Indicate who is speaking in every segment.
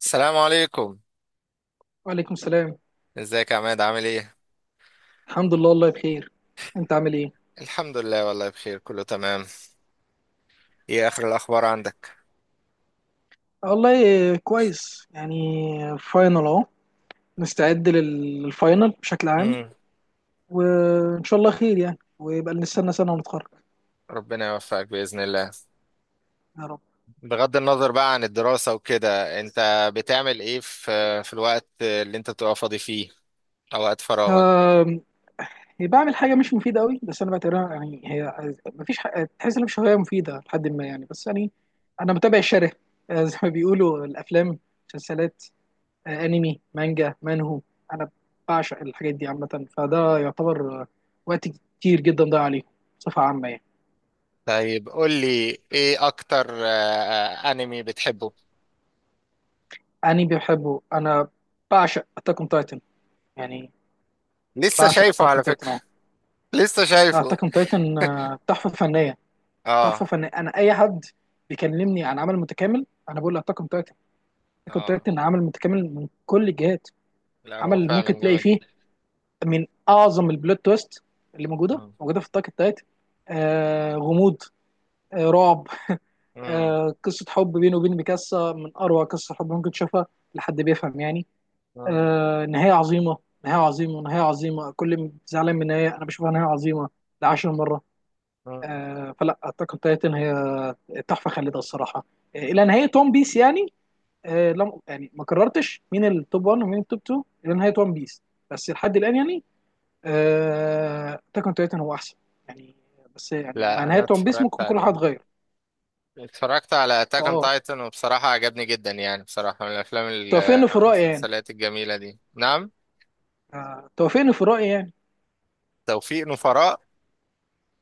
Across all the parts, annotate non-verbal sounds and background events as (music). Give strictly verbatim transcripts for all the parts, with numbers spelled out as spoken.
Speaker 1: السلام عليكم.
Speaker 2: وعليكم السلام.
Speaker 1: ازيك يا عماد؟ عامل ايه؟
Speaker 2: الحمد لله والله بخير. انت عامل ايه؟
Speaker 1: الحمد لله، والله بخير، كله تمام. ايه اخر الاخبار عندك؟
Speaker 2: والله كويس يعني، فاينل اهو. مستعد لل- للفاينل بشكل عام.
Speaker 1: امم.
Speaker 2: وان شاء الله خير يعني، ويبقى نستنى سنه ونتخرج.
Speaker 1: ربنا يوفقك باذن الله.
Speaker 2: يا رب.
Speaker 1: بغض النظر بقى عن الدراسه وكده، انت بتعمل ايه في في الوقت اللي انت بتبقى فاضي فيه، او وقت فراغك؟
Speaker 2: آم، هي بعمل حاجه مش مفيده قوي، بس انا بعتبرها يعني، هي مفيش حاجة، تحس ان مش هوايه مفيده لحد ما يعني، بس يعني انا متابع الشره. آه، زي ما بيقولوا، الافلام، المسلسلات، آه، انمي، مانجا، مانهو. انا بعشق الحاجات دي عامه، فده يعتبر آه، وقت كتير جدا ضايع عليه بصفه عامه يعني.
Speaker 1: طيب قول لي ايه اكتر آه، آه، انمي بتحبه؟
Speaker 2: انمي بحبه انا، بعشق اتاك اون تايتن يعني.
Speaker 1: لسه
Speaker 2: بعشق
Speaker 1: شايفه
Speaker 2: اتاك اون
Speaker 1: على
Speaker 2: تايتن
Speaker 1: فكره.
Speaker 2: اه.
Speaker 1: لسه شايفه.
Speaker 2: اتاك اون تايتن تحفه فنيه. تحفه
Speaker 1: اه
Speaker 2: فنيه، انا اي حد بيكلمني عن عمل متكامل انا بقول له اتاك اون تايتن. اتاك اون
Speaker 1: اه.
Speaker 2: تايتن عمل متكامل من كل الجهات.
Speaker 1: لا، هو
Speaker 2: عمل ممكن
Speaker 1: فعلا
Speaker 2: تلاقي
Speaker 1: جامد
Speaker 2: فيه
Speaker 1: جدا.
Speaker 2: من اعظم البلوت تويست اللي موجوده
Speaker 1: مم.
Speaker 2: موجوده في اتاك اون تايتن. آه غموض، آه رعب،
Speaker 1: مم.
Speaker 2: آه، قصة حب بينه وبين ميكاسا من أروع قصة حب ممكن تشوفها لحد بيفهم يعني.
Speaker 1: مم.
Speaker 2: آه، نهاية عظيمة، نهاية عظيمة، نهاية عظيمة. كل م- زعلان من النهاية أنا بشوفها نهاية عظيمة لعشر مرة.
Speaker 1: مم.
Speaker 2: آه، فلا أتاك أون تايتن هي تحفة خالدة الصراحة. آه، إلى نهاية ون بيس يعني. آه، لم يعني ما قررتش مين التوب واحد ومين التوب تو إلى نهاية ون بيس. بس لحد الآن يعني، أتاك أون تايتن هو أحسن يعني. بس يعني مع
Speaker 1: لا، انا
Speaker 2: نهاية ون بيس
Speaker 1: اتفرجت
Speaker 2: ممكن كل حاجة
Speaker 1: عليه.
Speaker 2: تتغير.
Speaker 1: اتفرجت على اتاك اون
Speaker 2: فأه،
Speaker 1: تايتن وبصراحة عجبني جدا، يعني بصراحة من الافلام ال-
Speaker 2: توافقني في
Speaker 1: او
Speaker 2: الرأي يعني؟
Speaker 1: المسلسلات الجميلة دي. نعم.
Speaker 2: آه، توافقني في الرأي يعني؟
Speaker 1: توفيق نفراء.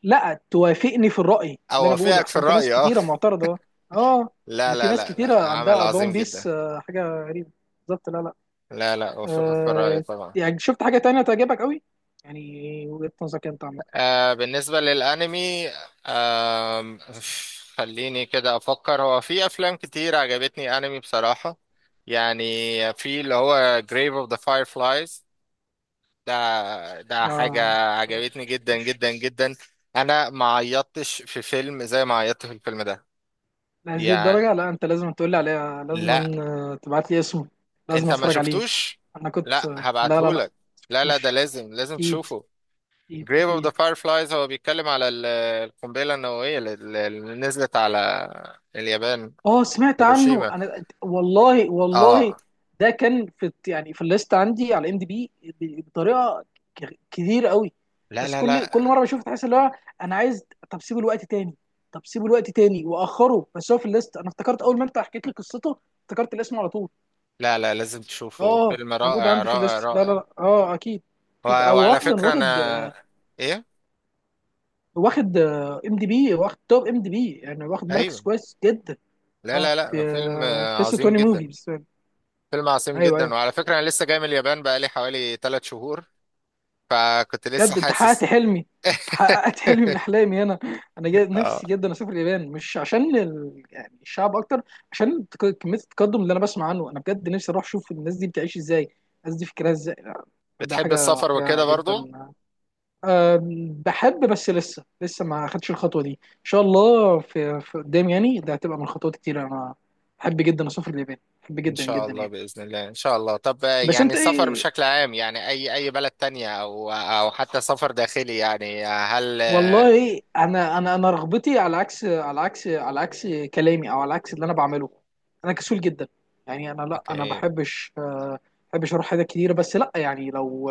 Speaker 2: لا، توافقني في الرأي، اللي انا بقوله
Speaker 1: اوافقك في
Speaker 2: احسن، في ناس
Speaker 1: الرأي، اه.
Speaker 2: كتيرة معترضة. اه.
Speaker 1: لا
Speaker 2: اللي في
Speaker 1: لا
Speaker 2: ناس
Speaker 1: لا لا،
Speaker 2: كتيرة
Speaker 1: عمل
Speaker 2: عندها بون
Speaker 1: عظيم
Speaker 2: بيس
Speaker 1: جدا.
Speaker 2: آه، حاجة غريبة. بالظبط، لا لا.
Speaker 1: لا لا، اوافقك في الرأي
Speaker 2: آه
Speaker 1: طبعا.
Speaker 2: يعني شفت حاجة تانية تعجبك قوي يعني؟ وجهة نظرك انت عامة؟
Speaker 1: آه بالنسبة للانمي، آه خليني كده افكر. هو في افلام كتير عجبتني، انمي بصراحة يعني، في اللي هو Grave of the Fireflies. ده ده حاجة
Speaker 2: اه،
Speaker 1: عجبتني
Speaker 2: مش
Speaker 1: جدا
Speaker 2: مش
Speaker 1: جدا جدا. انا ما عيطتش في فيلم زي ما عيطت في الفيلم ده،
Speaker 2: لهذه
Speaker 1: يعني.
Speaker 2: الدرجة. لا، انت لازم تقول لي عليها،
Speaker 1: لا،
Speaker 2: لازم آه، تبعت لي اسمه. لازم
Speaker 1: انت ما
Speaker 2: اتفرج عليه.
Speaker 1: شفتوش.
Speaker 2: انا كنت
Speaker 1: لا
Speaker 2: آه، لا لا لا.
Speaker 1: هبعتهولك. لا لا، ده
Speaker 2: مش.
Speaker 1: لازم لازم
Speaker 2: اكيد
Speaker 1: تشوفه.
Speaker 2: اكيد
Speaker 1: Grave of the
Speaker 2: اكيد.
Speaker 1: Fireflies هو بيتكلم على ال- القنبلة النووية اللي اللي نزلت على اليابان،
Speaker 2: اه سمعت عنه
Speaker 1: هيروشيما.
Speaker 2: انا، والله والله.
Speaker 1: اه.
Speaker 2: ده كان في يعني في الليست عندي على ام دي بي بطريقه ك- كتير قوي.
Speaker 1: لا
Speaker 2: بس
Speaker 1: لا
Speaker 2: كل كل
Speaker 1: لا
Speaker 2: مره بشوف، تحس اللي هو انا عايز. طب سيبه الوقت تاني طب سيبه الوقت تاني واخره، بس هو في الليست. انا افتكرت اول ما انت حكيت لي قصته افتكرت الاسم على طول.
Speaker 1: لا لا، لازم تشوفه،
Speaker 2: اه
Speaker 1: فيلم
Speaker 2: موجود
Speaker 1: رائع
Speaker 2: عندي في
Speaker 1: رائع
Speaker 2: الليست. لا لا
Speaker 1: رائع.
Speaker 2: لا، اه اكيد.
Speaker 1: و-
Speaker 2: اكيد او
Speaker 1: وعلى
Speaker 2: اصلا
Speaker 1: فكرة
Speaker 2: واخد،
Speaker 1: انا ايه.
Speaker 2: واخد ام دي بي، واخد توب ام دي بي يعني، واخد مركز
Speaker 1: ايوه.
Speaker 2: كويس جدا.
Speaker 1: لا
Speaker 2: اه
Speaker 1: لا
Speaker 2: في
Speaker 1: لا، فيلم
Speaker 2: بس
Speaker 1: عظيم
Speaker 2: عشرين موفي
Speaker 1: جدا،
Speaker 2: بس. ايوه،
Speaker 1: فيلم عظيم جدا.
Speaker 2: ايوه.
Speaker 1: وعلى فكرة أنا لسه جاي من اليابان، بقالي حوالي ثلاث شهور، فكنت لسه
Speaker 2: بجد انت حققت
Speaker 1: حاسس.
Speaker 2: حلمي
Speaker 1: (laughs)
Speaker 2: حققت حلمي من احلامي انا. انا جد
Speaker 1: اه.
Speaker 2: نفسي جدا اسافر اليابان، مش عشان ال... يعني الشعب اكتر، عشان التك- كميه التقدم اللي انا بسمع عنه. انا بجد نفسي اروح اشوف الناس دي بتعيش ازاي، الناس دي فكرها ازاي. لا، ده
Speaker 1: بتحب
Speaker 2: حاجه
Speaker 1: السفر
Speaker 2: حاجه
Speaker 1: وكده برضو؟
Speaker 2: جدا. أم، بحب، بس لسه لسه ما خدتش الخطوه دي. ان شاء الله في, في قدام يعني، ده هتبقى من خطوات كتير. انا بحب جدا اسافر اليابان، بحب
Speaker 1: إن
Speaker 2: جدا
Speaker 1: شاء
Speaker 2: جدا
Speaker 1: الله،
Speaker 2: يعني.
Speaker 1: بإذن الله، إن شاء الله. طب
Speaker 2: بس
Speaker 1: يعني
Speaker 2: انت
Speaker 1: السفر
Speaker 2: ايه؟
Speaker 1: بشكل عام، يعني أي أي بلد تانية أو أو حتى سفر داخلي، يعني هل.
Speaker 2: والله انا، انا انا رغبتي على عكس على عكس على عكس كلامي او على عكس اللي انا بعمله. انا كسول جدا يعني. انا، لا، انا
Speaker 1: أوكي.
Speaker 2: بحبش آه، بحبش اروح حاجات كتيره، بس لا يعني، لو،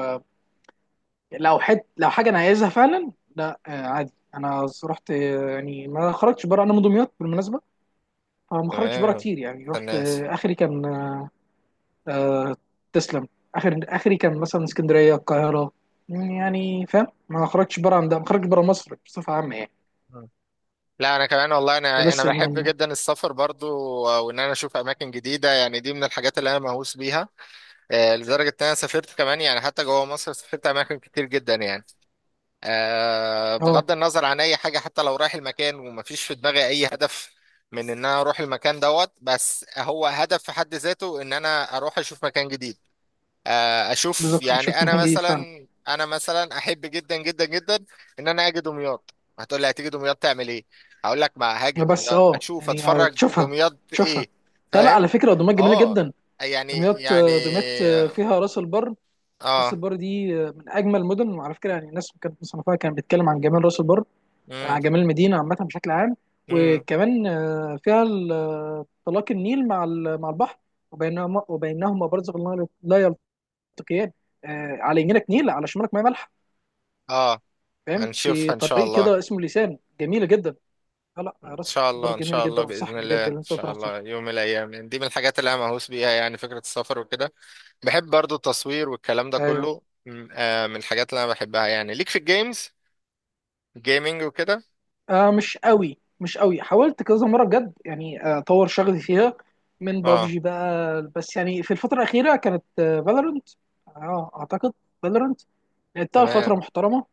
Speaker 2: لو حد لو حاجه انا عايزها فعلا، لا آه، عادي انا رحت. آه، يعني ما خرجتش بره، انا من دمياط بالمناسبه، فما خرجتش بره
Speaker 1: تمام.
Speaker 2: كتير يعني. رحت
Speaker 1: الناس.
Speaker 2: آه، اخري كان، آه، تسلم. اخر اخري كان مثلا اسكندريه، القاهره يعني. فاهم، ما خرجتش بره عن ده، ما خرجتش بره مصر بصفه عامه يعني.
Speaker 1: لا، انا كمان والله،
Speaker 2: ده
Speaker 1: انا انا
Speaker 2: لسه.
Speaker 1: بحب جدا السفر برضو، وان انا اشوف اماكن جديده، يعني دي من الحاجات اللي انا مهووس بيها. آه، لدرجة إن أنا سافرت كمان، يعني حتى جوه مصر سافرت أماكن كتير جدا يعني. آه،
Speaker 2: اه،
Speaker 1: بغض النظر عن أي حاجة، حتى لو رايح المكان ومفيش في دماغي أي هدف من إن أنا أروح المكان دوت، بس هو هدف في حد ذاته إن أنا أروح أشوف مكان جديد. آه، أشوف
Speaker 2: بالظبط، انت
Speaker 1: يعني
Speaker 2: شفت
Speaker 1: أنا
Speaker 2: مكان جديد فعلا.
Speaker 1: مثلا أنا مثلا أحب جدا جدا جدا إن أنا أجي دمياط. هتقول لي هتيجي دمياط تعمل إيه؟ هقول لك ما هاجي
Speaker 2: بس
Speaker 1: دمياط
Speaker 2: اه
Speaker 1: أشوف
Speaker 2: يعني آه،
Speaker 1: أتفرج
Speaker 2: تشوفها،
Speaker 1: دمياط
Speaker 2: تشوفها.
Speaker 1: إيه.
Speaker 2: لا لا،
Speaker 1: فاهم؟
Speaker 2: على فكره دمياط جميله
Speaker 1: آه.
Speaker 2: جدا.
Speaker 1: يعني
Speaker 2: دمياط
Speaker 1: يعني.
Speaker 2: آه، دمياط آه، فيها راس البر. راس
Speaker 1: اه.
Speaker 2: البر دي آه، من اجمل المدن. وعلى فكره يعني، الناس كانت مصنفاها، كانت بتتكلم عن جمال راس البر،
Speaker 1: امم.
Speaker 2: عن جمال المدينه عامه بشكل عام.
Speaker 1: امم.
Speaker 2: وكمان آه، فيها ال- آه، طلاق النيل مع ال- مع البحر، وبينهما وبينهما برزخ لا لا يلتقيان. آه، على يمينك نيل، على شمالك ميه مالحه،
Speaker 1: اه.
Speaker 2: فاهم.
Speaker 1: هنشوفها
Speaker 2: في
Speaker 1: ان شاء
Speaker 2: طريق
Speaker 1: الله.
Speaker 2: كده اسمه لسان، جميله جدا. لا لا،
Speaker 1: ان
Speaker 2: راس
Speaker 1: شاء
Speaker 2: البر
Speaker 1: الله، ان
Speaker 2: جميله
Speaker 1: شاء الله
Speaker 2: جدا، انصحك
Speaker 1: باذن الله
Speaker 2: بجد
Speaker 1: ان
Speaker 2: ان انت
Speaker 1: شاء
Speaker 2: تروح تزورها.
Speaker 1: الله، يوم من الايام، يعني دي من الحاجات اللي انا مهووس بيها، يعني فكره السفر وكده. بحب برضو التصوير والكلام ده
Speaker 2: ايوه.
Speaker 1: كله، م- آه من الحاجات اللي انا بحبها، يعني ليك في الجيمز، جيمنج وكده.
Speaker 2: آه مش قوي، مش قوي. حاولت كذا مره بجد يعني آه، اطور شغلي فيها، من
Speaker 1: اه.
Speaker 2: بابجي بقى. بس يعني في الفتره الاخيره كانت فالورنت. اه اعتقد، فالورنت لعبتها لفتره
Speaker 1: تمام.
Speaker 2: محترمه.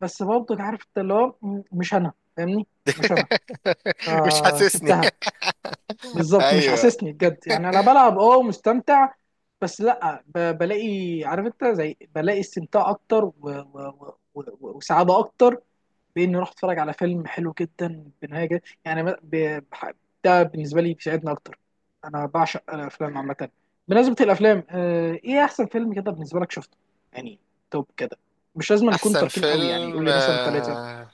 Speaker 2: بس برضه عارف انت اللي هو م- مش انا، فاهمني؟ مش انا،
Speaker 1: (laughs) مش حاسسني. (laughs)
Speaker 2: فسبتها. بالظبط، مش
Speaker 1: ايوه.
Speaker 2: حاسسني بجد يعني. انا بلعب اه ومستمتع، بس لا ب- بلاقي، عارف انت، زي بلاقي استمتاع اكتر و... و... و... و- وسعاده اكتر، باني اروح اتفرج على فيلم حلو جدا بنهايه جد- يعني ما- ب- بح- ده بالنسبه لي بيساعدني اكتر. انا بعشق الافلام عامه. بمناسبه الافلام آه، ايه احسن فيلم كده بالنسبه لك شفته يعني؟ توب كده، مش لازم نكون
Speaker 1: احسن
Speaker 2: تركين قوي يعني، قول
Speaker 1: فيلم؟
Speaker 2: لي مثلا ثلاثه.
Speaker 1: آه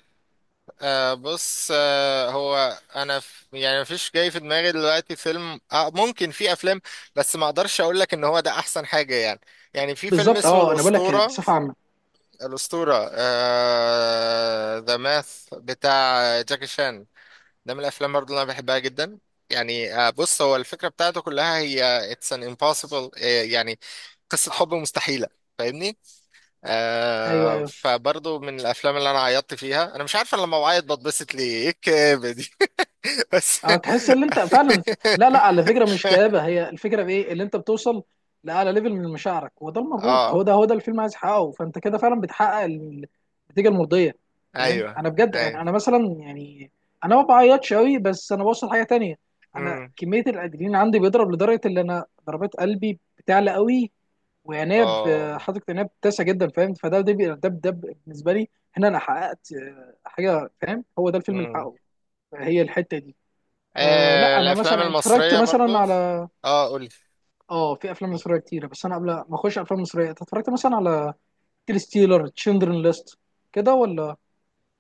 Speaker 1: آه بص، آه هو انا ف... يعني مفيش جاي في دماغي دلوقتي فيلم، آه ممكن في افلام، بس ما اقدرش اقول لك ان هو ده احسن حاجة يعني. يعني في فيلم
Speaker 2: بالظبط،
Speaker 1: اسمه
Speaker 2: اه، انا بقول لك يعني
Speaker 1: الاسطورة،
Speaker 2: بصفه عامه.
Speaker 1: الاسطورة. آه ذا ماث بتاع جاكي شان، ده من الافلام برضه اللي انا بحبها جدا. يعني آه بص، هو الفكرة بتاعته كلها هي اتس ان امبوسيبل، يعني قصة حب مستحيلة، فاهمني؟
Speaker 2: ايوه،
Speaker 1: آه
Speaker 2: ايوه.
Speaker 1: فبرضه من الافلام اللي انا عيطت فيها. انا مش عارف انا لما بعيط بتبسط ليه، ايه الكآبة دي. (laughs) بس.
Speaker 2: اه، تحس ان انت فعلا. لا لا، على
Speaker 1: (laughs)
Speaker 2: فكره مش كآبه، هي الفكره في ايه اللي انت بتوصل لاعلى ليفل من مشاعرك. هو ده المرغوب، هو
Speaker 1: اه.
Speaker 2: ده هو ده الفيلم عايز يحققه، فانت كده فعلا بتحقق ال- النتيجه المرضيه، فاهم؟
Speaker 1: ايوه،
Speaker 2: انا بجد
Speaker 1: ايوه.
Speaker 2: يعني، انا مثلا يعني، انا ما بعيطش قوي بس انا بوصل حاجه تانية. انا
Speaker 1: امم.
Speaker 2: كميه الادرينالين عندي بيضرب لدرجه ان انا ضربات قلبي بتعلى قوي، وعينيا
Speaker 1: اه.
Speaker 2: ب- حاطط عينيا بتسع جدا، فاهم؟ فده ده بي- ده ده بالنسبه لي. هنا انا حققت آه، حاجه، فاهم؟ هو ده الفيلم اللي
Speaker 1: امم.
Speaker 2: حققه، هي الحته دي. أه
Speaker 1: آه
Speaker 2: لا، انا
Speaker 1: الافلام
Speaker 2: مثلا اتفرجت
Speaker 1: المصرية
Speaker 2: مثلا
Speaker 1: برضه.
Speaker 2: على،
Speaker 1: اه قولي.
Speaker 2: اه، في افلام مصريه كتيره، بس انا قبل ما اخش افلام مصريه، أنت اتفرجت مثلا على انترستيلر، تشندرن ليست، كده ولا؟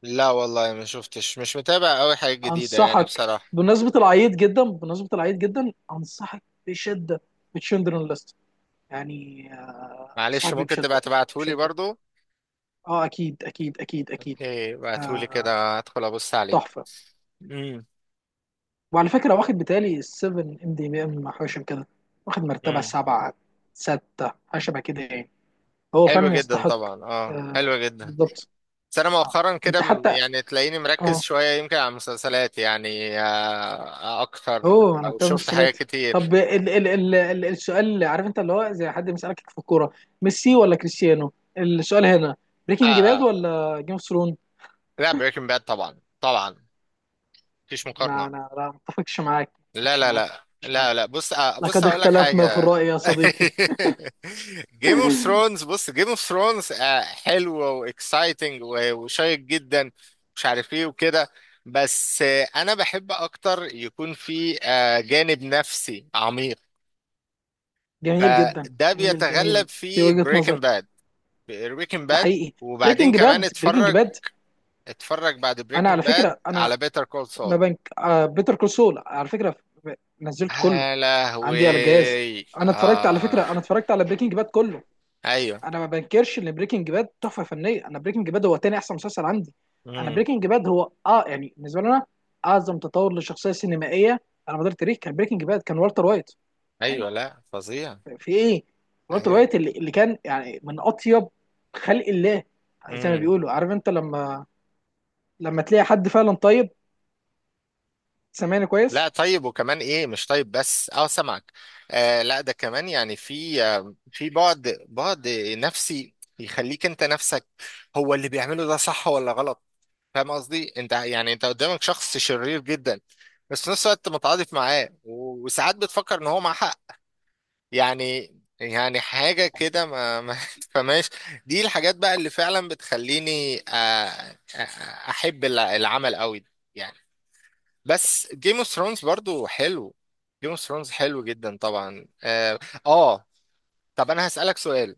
Speaker 1: لا والله ما شفتش، مش متابع قوي حاجة جديدة يعني
Speaker 2: انصحك،
Speaker 1: بصراحة.
Speaker 2: بمناسبه العيط جدا بمناسبه العيط جدا انصحك بشده بتشندرن ليست. يعني آه
Speaker 1: معلش
Speaker 2: انصحك بيه
Speaker 1: ممكن
Speaker 2: بشده،
Speaker 1: تبقى تبعتهولي
Speaker 2: بشده.
Speaker 1: برضو.
Speaker 2: اه، اكيد اكيد اكيد اكيد.
Speaker 1: اوكي، بعتهولي
Speaker 2: آه
Speaker 1: كده هدخل ابص عليه.
Speaker 2: تحفه.
Speaker 1: امم.
Speaker 2: وعلى فكره واخد بتالي سبعة ام دي بي ام، حاجه شبه كده، واخد مرتبه
Speaker 1: امم.
Speaker 2: سبعه، سته، حاجه شبه كده يعني. هو
Speaker 1: حلو
Speaker 2: فعلا
Speaker 1: جدا
Speaker 2: يستحق.
Speaker 1: طبعا، اه حلو
Speaker 2: آه
Speaker 1: جدا.
Speaker 2: بالضبط.
Speaker 1: بس انا مؤخرا كده
Speaker 2: انت
Speaker 1: م-
Speaker 2: حتى،
Speaker 1: يعني تلاقيني مركز
Speaker 2: اه،
Speaker 1: شوية يمكن على المسلسلات، يعني آه، آه، اكتر،
Speaker 2: هو انا
Speaker 1: او
Speaker 2: بتاع
Speaker 1: شفت حاجات
Speaker 2: مسلسلات.
Speaker 1: كتير.
Speaker 2: طب ال ال ال ال السؤال، اللي عارف انت، اللي هو زي حد بيسألك في الكورة، ميسي ولا كريستيانو؟ السؤال هنا،
Speaker 1: آه
Speaker 2: بريكنج باد
Speaker 1: آه.
Speaker 2: ولا جيم اوف ثرون؟
Speaker 1: لا، بريكنج باد طبعا طبعا، مفيش
Speaker 2: لا،
Speaker 1: مقارنة.
Speaker 2: انا، لا، ما اتفقش معاك، ما
Speaker 1: لا
Speaker 2: اتفقش
Speaker 1: لا
Speaker 2: معاك،
Speaker 1: لا
Speaker 2: ما اتفقش
Speaker 1: لا
Speaker 2: معاك.
Speaker 1: لا، بص، آه بص
Speaker 2: لقد
Speaker 1: هقول لك
Speaker 2: اختلفنا في
Speaker 1: حاجة.
Speaker 2: الرأي يا صديقي.
Speaker 1: (laughs) جيم اوف
Speaker 2: (laughs)
Speaker 1: ثرونز، بص جيم اوف ثرونز حلو واكسايتنج وشيق جدا، مش عارف ايه وكده، بس آه، انا بحب اكتر يكون في آه، جانب نفسي عميق،
Speaker 2: جميل جدا،
Speaker 1: فده
Speaker 2: جميل
Speaker 1: بيتغلب
Speaker 2: جميل. في
Speaker 1: في
Speaker 2: وجهة
Speaker 1: بريكنج
Speaker 2: نظر،
Speaker 1: باد. بريكنج
Speaker 2: ده
Speaker 1: باد،
Speaker 2: حقيقي.
Speaker 1: وبعدين
Speaker 2: بريكنج
Speaker 1: كمان
Speaker 2: باد، بريكنج
Speaker 1: اتفرج
Speaker 2: باد.
Speaker 1: اتفرج بعد
Speaker 2: انا على
Speaker 1: بريكنج باد
Speaker 2: فكرة انا
Speaker 1: على بيتر كول
Speaker 2: ما
Speaker 1: سول.
Speaker 2: بنك آه بيتر كول سول على فكره ف- نزلت كله
Speaker 1: يا
Speaker 2: عندي على
Speaker 1: لهوي.
Speaker 2: الجهاز. انا اتفرجت، على فكره،
Speaker 1: آه.
Speaker 2: انا اتفرجت على بريكنج باد كله.
Speaker 1: ايوه.
Speaker 2: انا ما بنكرش ان بريكنج باد تحفه فنيه. انا بريكنج باد هو تاني احسن مسلسل عندي. انا
Speaker 1: امم.
Speaker 2: بريكنج باد هو، اه يعني، بالنسبه لنا اعظم تطور لشخصيه سينمائيه على مدار التاريخ كان بريكنج باد، كان والتر وايت
Speaker 1: ايوه،
Speaker 2: يعني.
Speaker 1: لا فظيع.
Speaker 2: في ايه، والتر
Speaker 1: ايوه.
Speaker 2: وايت اللي, اللي كان يعني من اطيب خلق الله. زي ما
Speaker 1: امم.
Speaker 2: بيقولوا، عارف انت لما، لما تلاقي حد فعلا طيب. سامعني
Speaker 1: لا
Speaker 2: كويس؟
Speaker 1: طيب، وكمان ايه؟ مش طيب بس، اه سمعك. آه لا، ده كمان يعني في آه في بعد بعد نفسي يخليك انت نفسك هو اللي بيعمله ده صح ولا غلط. فاهم قصدي انت؟ يعني انت قدامك شخص شرير جدا، بس في نفس الوقت متعاطف معاه و- وساعات بتفكر ان هو معاه حق، يعني يعني حاجة كده ما ما (laughs) تفهمهاش. دي الحاجات بقى اللي فعلا بتخليني آه، آه، آه، احب الع- العمل قوي يعني. بس جيم اوف ثرونز برضو حلو، جيم اوف ثرونز حلو جدا طبعا، اه. آه، طب انا هسألك سؤال.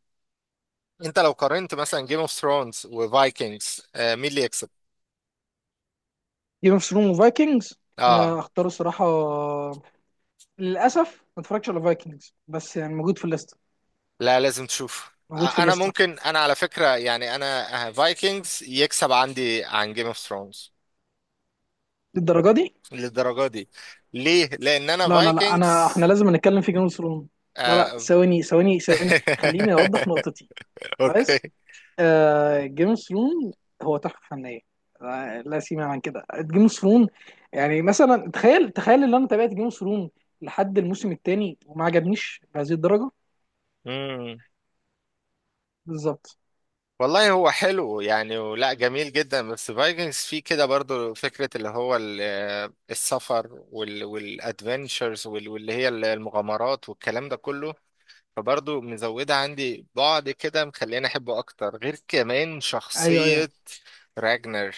Speaker 1: انت لو قارنت مثلا جيم اوف ثرونز وفايكنجز، مين اللي يكسب؟
Speaker 2: جيم اوف ثرونز وفايكنجز، انا
Speaker 1: اه.
Speaker 2: اختار الصراحه، للاسف ما اتفرجتش على فايكنجز، بس يعني موجود في الليسته.
Speaker 1: لا لازم تشوف،
Speaker 2: موجود في
Speaker 1: ع- انا
Speaker 2: الليسته.
Speaker 1: ممكن انا على فكرة يعني انا فايكنجز يكسب عندي عن جيم اوف ثرونز.
Speaker 2: للدرجه دي.
Speaker 1: للدرجة دي؟ ليه؟ لان انا
Speaker 2: لا لا لا، انا
Speaker 1: فايكنجز
Speaker 2: احنا لازم نتكلم في جيم اوف ثرونز. لا لا،
Speaker 1: آه...
Speaker 2: ثواني ثواني ثواني، خليني اوضح
Speaker 1: (laughs)
Speaker 2: نقطتي. كويس.
Speaker 1: اوكي.
Speaker 2: آه جيم اوف ثرونز هو تحفه فنيه. آه، لا سيما عن كده جيم اوف ثرونز يعني. مثلا، تخيل تخيل ان انا تابعت جيم اوف ثرونز لحد الموسم الثاني وما عجبنيش بهذه الدرجه.
Speaker 1: مم.
Speaker 2: بالظبط.
Speaker 1: والله هو حلو يعني ولا جميل جدا، بس فايكنجز فيه كده برضو فكرة اللي هو ال- آه، السفر وال... والادفنتشرز وال... واللي هي المغامرات والكلام ده كله، فبرضه مزودة عندي بعد كده، مخليني أحبه أكتر، غير كمان
Speaker 2: ايوه،
Speaker 1: شخصية
Speaker 2: ايوه.
Speaker 1: راجنر.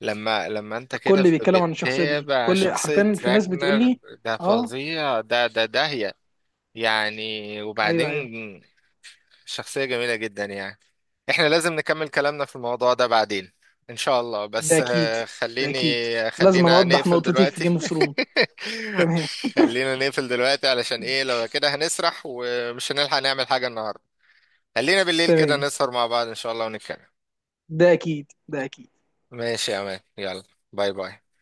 Speaker 1: لما لما أنت كده
Speaker 2: كل بيتكلم عن الشخصيه دي،
Speaker 1: بتتابع
Speaker 2: كل
Speaker 1: شخصية
Speaker 2: حرفيا في ناس بتقول
Speaker 1: راجنر،
Speaker 2: لي،
Speaker 1: ده
Speaker 2: اه.
Speaker 1: فظيع، ده ده داهية يعني.
Speaker 2: ايوه، ايوه.
Speaker 1: وبعدين شخصية جميلة جدا يعني. احنا لازم نكمل كلامنا في الموضوع ده بعدين ان شاء الله،
Speaker 2: ده
Speaker 1: بس
Speaker 2: اكيد،
Speaker 1: آه،
Speaker 2: ده اكيد.
Speaker 1: خليني
Speaker 2: لازم أنا
Speaker 1: خلينا
Speaker 2: اوضح
Speaker 1: نقفل
Speaker 2: نقطتي في جيم
Speaker 1: دلوقتي.
Speaker 2: اوف
Speaker 1: (laughs)
Speaker 2: ثرون. تمام.
Speaker 1: خلينا نقفل دلوقتي علشان ايه؟
Speaker 2: ماشي.
Speaker 1: لو كده هنسرح ومش هنلحق نعمل حاجة النهاردة. خلينا بالليل كده
Speaker 2: تمام.
Speaker 1: نسهر مع بعض ان شاء الله ونتكلم.
Speaker 2: ده اكيد، ده اكيد.
Speaker 1: ماشي يا مان، يلا. باي باي.